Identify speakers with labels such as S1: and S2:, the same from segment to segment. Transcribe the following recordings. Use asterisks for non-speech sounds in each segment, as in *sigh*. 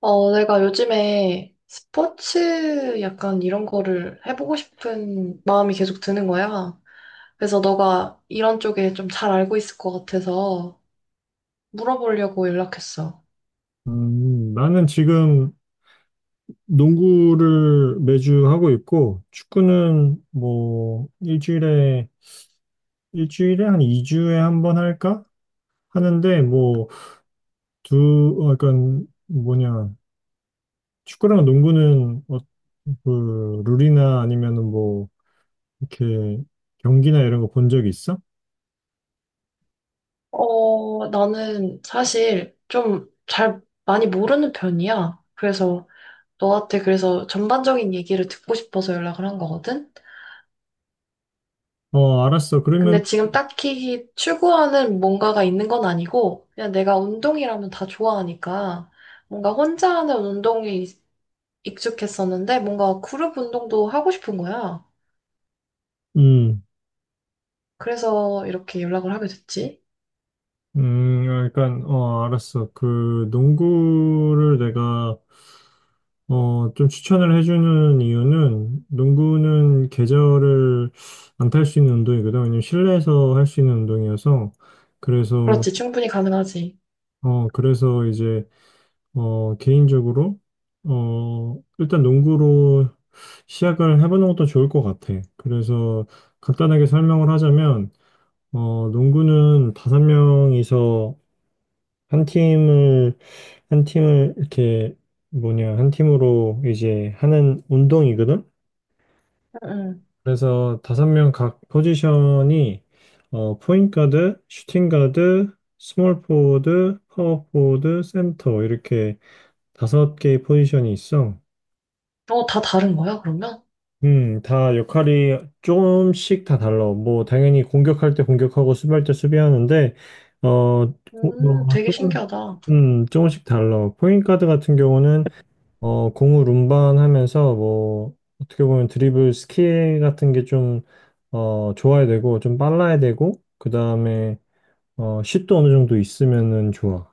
S1: 내가 요즘에 스포츠 약간 이런 거를 해보고 싶은 마음이 계속 드는 거야. 그래서 너가 이런 쪽에 좀 잘 알고 있을 것 같아서 물어보려고 연락했어.
S2: 나는 지금 농구를 매주 하고 있고, 축구는 뭐, 일주일에 한 2주에 한 번 할까? 하는데, 뭐, 약간, 뭐냐, 축구랑 농구는, 그, 룰이나 아니면은 뭐, 이렇게, 경기나 이런 거 본 적 있어?
S1: 나는 사실 좀 잘 많이 모르는 편이야. 그래서 너한테 그래서 전반적인 얘기를 듣고 싶어서 연락을 한 거거든.
S2: 어, 알았어. 그러면,
S1: 근데 지금 딱히 추구하는 뭔가가 있는 건 아니고, 그냥 내가 운동이라면 다 좋아하니까, 뭔가 혼자 하는 운동에 익숙했었는데, 뭔가 그룹 운동도 하고 싶은 거야.
S2: 음,
S1: 그래서 이렇게 연락을 하게 됐지.
S2: 약간, 알았어. 그, 농구를 내가, 좀 추천을 해주는 이유는 농구는 계절을 안 탈 수 있는 운동이거든. 왜냐면 실내에서 할 수 있는 운동이어서. 그래서,
S1: 그렇지, 충분히 가능하지.
S2: 그래서 이제, 개인적으로, 일단 농구로 시작을 해보는 것도 좋을 것 같아. 그래서 간단하게 설명을 하자면, 농구는 5명이서 한 팀을, 한 팀을 이렇게 뭐냐, 한 팀으로 이제 하는 운동이거든.
S1: 응,
S2: 그래서 5명 각 포지션이 포인트 가드, 슈팅 가드, 스몰 포워드, 파워 포워드, 센터 이렇게 5개의 포지션이 있어.
S1: 응. 어, 다 다른 거야, 그러면?
S2: 다 역할이 조금씩 다 달라. 뭐 당연히 공격할 때 공격하고 수비할 때 수비하는데 어, 고- 어,
S1: 되게
S2: 조금
S1: 신기하다.
S2: 조금씩 달라. 포인트 가드 같은 경우는 공을 운반하면서 뭐 어떻게 보면 드리블 스킬 같은 게 좀 좋아야 되고 좀 빨라야 되고 그다음에 슛도 어느 정도 있으면은 좋아.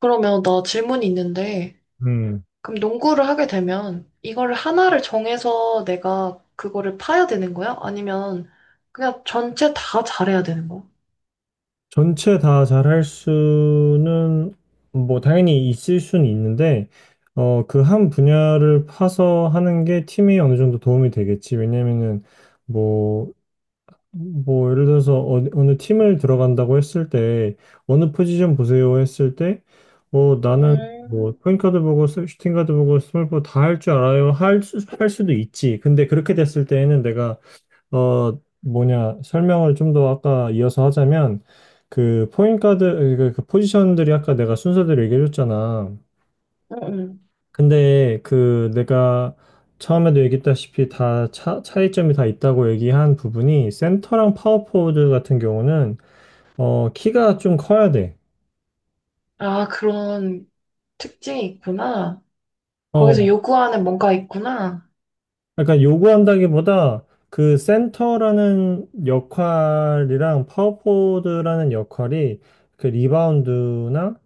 S1: 그러면 나 질문이 있는데,
S2: 음.
S1: 그럼 농구를 하게 되면, 이거를 하나를 정해서 내가 그거를 파야 되는 거야? 아니면, 그냥 전체 다 잘해야 되는 거야?
S2: 전체 다 잘할 수는 뭐 당연히 있을 수는 있는데, 그 한 분야를 파서 하는 게 팀에 어느 정도 도움이 되겠지. 왜냐면은 뭐 뭐 예를 들어서 어느 팀을 들어간다고 했을 때 어느 포지션 보세요 했을 때, 나는 뭐
S1: 음,
S2: 포인트가드 보고 슈팅가드 보고 스몰포 다 할 줄 알아요 할 수도 있지. 근데 그렇게 됐을 때에는 내가, 뭐냐, 설명을 좀 더 아까 이어서 하자면, 그 포인트가드, 그 포지션들이 아까 내가 순서대로 얘기해 줬잖아.
S1: 음, 음.
S2: 근데 그 내가 처음에도 얘기했다시피 다 차이점이 다 있다고 얘기한 부분이, 센터랑 파워포워드 같은 경우는 키가 좀 커야 돼.
S1: 아, 그런 특징이 있구나. 거기서
S2: 어
S1: 요구하는 뭔가 있구나.
S2: 약간 요구한다기보다, 그 센터라는 역할이랑 파워포워드라는 역할이 그 리바운드나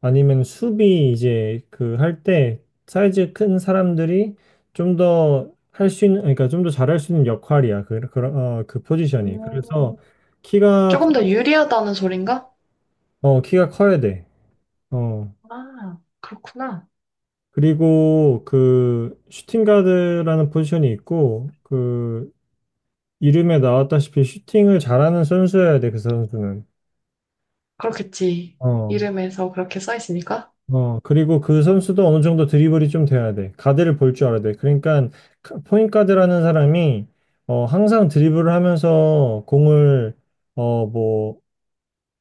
S2: 아니면 수비 이제 그 할 때 사이즈 큰 사람들이 좀 더 할 수 있는, 그러니까 좀 더 잘할 수 있는 역할이야. 그 포지션이. 그래서
S1: 음,
S2: 키가 커,
S1: 조금 더 유리하다는 소린가?
S2: 키가 커야 돼. 어.
S1: 아, 그렇구나.
S2: 그리고 그 슈팅 가드라는 포지션이 있고, 그 이름에 나왔다시피 슈팅을 잘하는 선수여야 돼. 그 선수는.
S1: 그렇겠지.
S2: 어.
S1: 이름에서 그렇게 써 있으니까.
S2: 그리고 그 선수도 어느 정도 드리블이 좀 돼야 돼. 가드를 볼 줄 알아야 돼. 그러니까 포인트 가드라는 사람이 항상 드리블을 하면서 공을, 뭐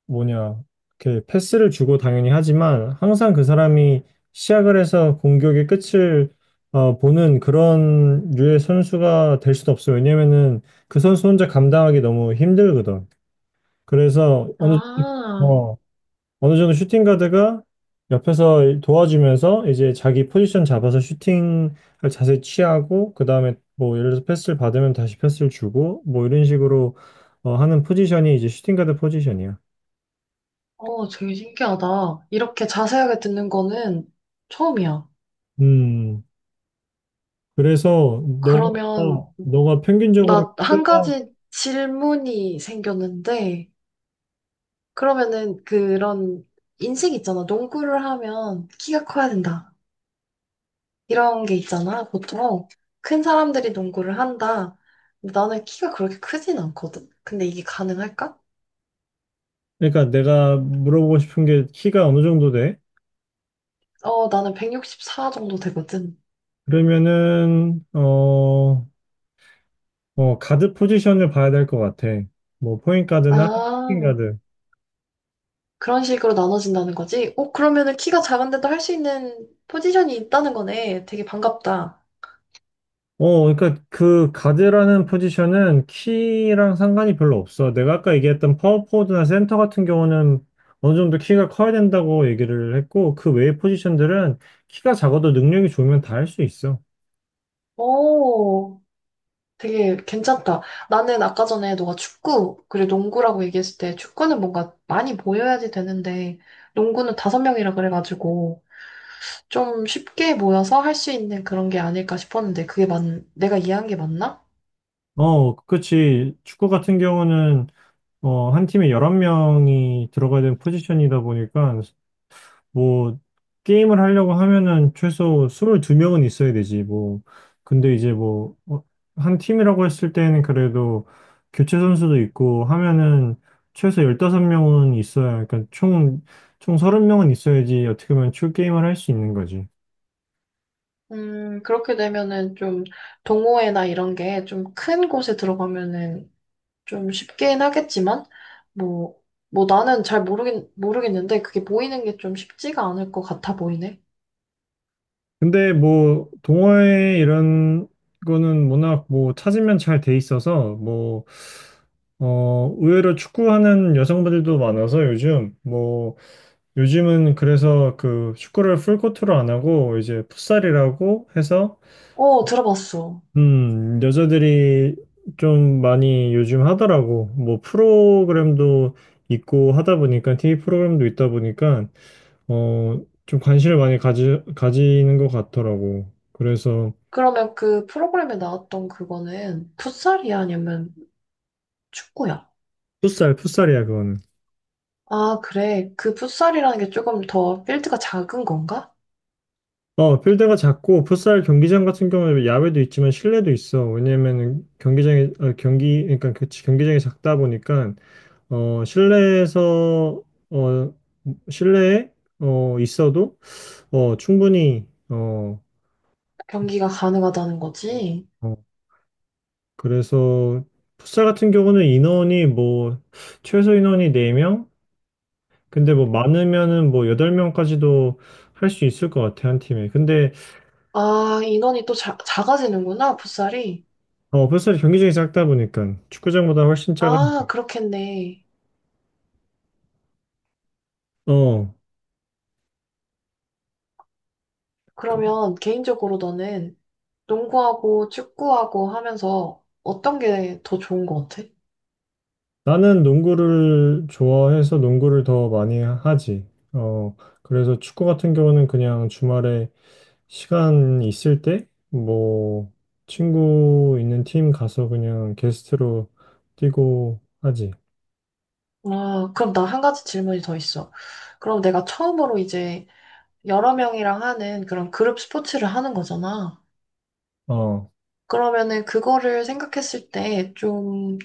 S2: 뭐냐, 이렇게 패스를 주고 당연히 하지만, 항상 그 사람이 시작을 해서 공격의 끝을 보는 그런 류의 선수가 될 수도 없어. 왜냐면은 그 선수 혼자 감당하기 너무 힘들거든. 그래서
S1: 아,
S2: 어, 어느 정도 슈팅 가드가 옆에서 도와주면서 이제 자기 포지션 잡아서 슈팅을 자세히 취하고, 그 다음에 뭐 예를 들어서 패스를 받으면 다시 패스를 주고, 뭐 이런 식으로 하는 포지션이 이제 슈팅 가드 포지션이야.
S1: 어, 되게 신기하다. 이렇게 자세하게 듣는 거는 처음이야.
S2: 음 그래서 너가,
S1: 그러면
S2: 너가 평균적으로
S1: 나 한
S2: 키가-
S1: 가지 질문이 생겼는데, 그러면은 그런 인식 있잖아. 농구를 하면 키가 커야 된다. 이런 게 있잖아. 보통 큰 사람들이 농구를 한다. 근데 나는 키가 그렇게 크진 않거든. 근데 이게 가능할까?
S2: 그러니까 내가 물어보고 싶은 게 키가 어느 정도 돼?
S1: 어, 나는 164cm 정도 되거든.
S2: 그러면은 가드 포지션을 봐야 될 것 같아. 뭐 포인트 가드나 슈팅
S1: 아,
S2: 가드.
S1: 그런 식으로 나눠진다는 거지? 어, 그러면은 키가 작은데도 할 수 있는 포지션이 있다는 거네. 되게 반갑다.
S2: 어, 그러니까 그 가드라는 포지션은 키랑 상관이 별로 없어. 내가 아까 얘기했던 파워포워드나 센터 같은 경우는 어느 정도 키가 커야 된다고 얘기를 했고, 그 외의 포지션들은 키가 작아도 능력이 좋으면 다 할 수 있어.
S1: 오, 되게 괜찮다. 나는 아까 전에 너가 축구, 그리고 농구라고 얘기했을 때 축구는 뭔가 많이 모여야지 되는데, 농구는 다섯 명이라 그래가지고, 좀 쉽게 모여서 할 수 있는 그런 게 아닐까 싶었는데, 내가 이해한 게 맞나?
S2: 어, 그치. 축구 같은 경우는 한 팀에 11명이 들어가야 되는 포지션이다 보니까, 뭐 게임을 하려고 하면은 최소 22명은 있어야 되지. 뭐 근데 이제 뭐 한 팀이라고 했을 때는 그래도 교체 선수도 있고 하면은 최소 15명은 있어야, 그러니까 총총 30명은 있어야지 어떻게 보면 출 게임을 할 수 있는 거지.
S1: 그렇게 되면은 좀 동호회나 이런 게 좀 큰 곳에 들어가면은 좀 쉽긴 하겠지만, 뭐, 뭐 나는 잘 모르겠는데, 그게 모이는 게 좀 쉽지가 않을 것 같아 보이네.
S2: 근데 뭐 동호회 이런 거는 워낙 뭐 찾으면 잘 돼 있어서, 뭐 의외로 축구하는 여성분들도 많아서, 요즘 뭐 요즘은 그래서 그 축구를 풀코트로 안 하고 이제 풋살이라고 해서,
S1: 어, 들어봤어.
S2: 여자들이 좀 많이 요즘 하더라고. 뭐 프로그램도 있고 하다 보니까, TV 프로그램도 있다 보니까 어, 좀 관심을 많이 가지는 것 같더라고. 그래서,
S1: 그러면 그 프로그램에 나왔던 그거는 풋살이야? 아니면 축구야?
S2: 풋살이야 그거는.
S1: 아, 그래. 그 풋살이라는 게 조금 더 필드가 작은 건가?
S2: 어, 필드가 작고 풋살 경기장 같은 경우는 야외도 있지만 실내도 있어. 왜냐면은 경기장이, 어, 경기 그러니까 그 경기장이 작다 보니까, 실내에서, 어, 실내에 있어도, 충분히.
S1: 경기가 가능하다는 거지?
S2: 어, 그래서 풋살 같은 경우는 인원이, 뭐, 최소 인원이 4명? 근데 뭐 많으면은 뭐 8명까지도 할 수 있을 것 같아, 한 팀에. 근데
S1: 아, 인원이 작아지는구나, 풋살이.
S2: 풋살이 경기장이 작다 보니까 축구장보다 훨씬 작은.
S1: 아, 그렇겠네.
S2: 어
S1: 그러면 개인적으로 너는 농구하고 축구하고 하면서 어떤 게 더 좋은 것 같아?
S2: 나는 농구를 좋아해서 농구를 더 많이 하지. 어, 그래서 축구 같은 경우는 그냥 주말에 시간 있을 때, 뭐, 친구 있는 팀 가서 그냥 게스트로 뛰고 하지.
S1: 아, 그럼 나 한 가지 질문이 더 있어. 그럼 내가 처음으로 이제 여러 명이랑 하는 그런 그룹 스포츠를 하는 거잖아.
S2: 어,
S1: 그러면은 그거를 생각했을 때 좀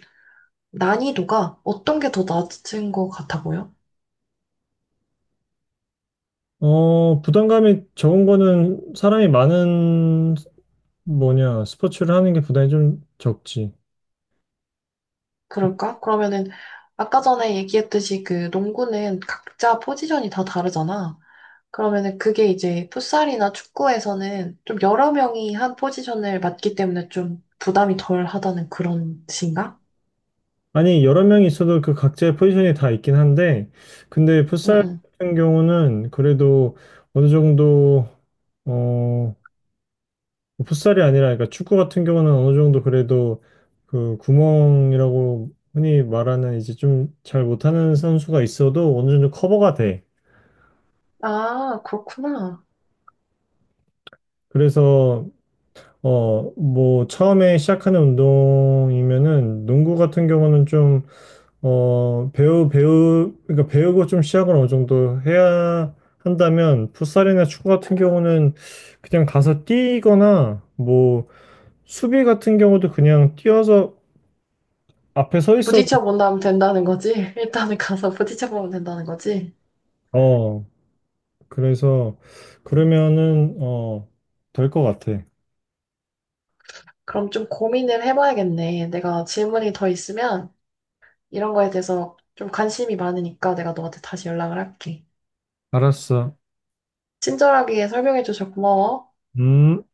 S1: 난이도가 어떤 게 더 낮은 것 같아 보여?
S2: 부담감이 적은 거는 사람이 많은, 뭐냐, 스포츠를 하는 게 부담이 좀 적지.
S1: 그럴까? 그러면은 아까 전에 얘기했듯이 그 농구는 각자 포지션이 다 다르잖아. 그러면은 그게 이제 풋살이나 축구에서는 좀 여러 명이 한 포지션을 맡기 때문에 좀 부담이 덜 하다는 그런 뜻인가?
S2: 아니, 여러 명이 있어도 그 각자의 포지션이 다 있긴 한데, 근데
S1: 응,
S2: 풋살
S1: 응.
S2: 같은 경우는 그래도 어느 정도, 어, 풋살이 아니라, 그러니까 축구 같은 경우는 어느 정도 그래도, 그 구멍이라고 흔히 말하는 이제 좀 잘 못하는 선수가 있어도 어느 정도 커버가 돼.
S1: 아, 그렇구나.
S2: 그래서, 뭐, 처음에 시작하는 운동이면은 농구 같은 경우는 좀 배우고 좀 시작을 어느 정도 해야 한다면, 풋살이나 축구 같은 경우는 그냥 가서 뛰거나, 뭐, 수비 같은 경우도 그냥 뛰어서 앞에 서 있어도,
S1: 부딪혀 본다면 된다는 거지? *laughs* 일단은 가서 부딪혀 보면 된다는 거지?
S2: 어, 그래서, 그러면은, 될 것 같아.
S1: 그럼 좀 고민을 해봐야겠네. 내가 질문이 더 있으면 이런 거에 대해서 좀 관심이 많으니까 내가 너한테 다시 연락을 할게.
S2: 알았어.
S1: 친절하게 설명해줘서 고마워.
S2: 음.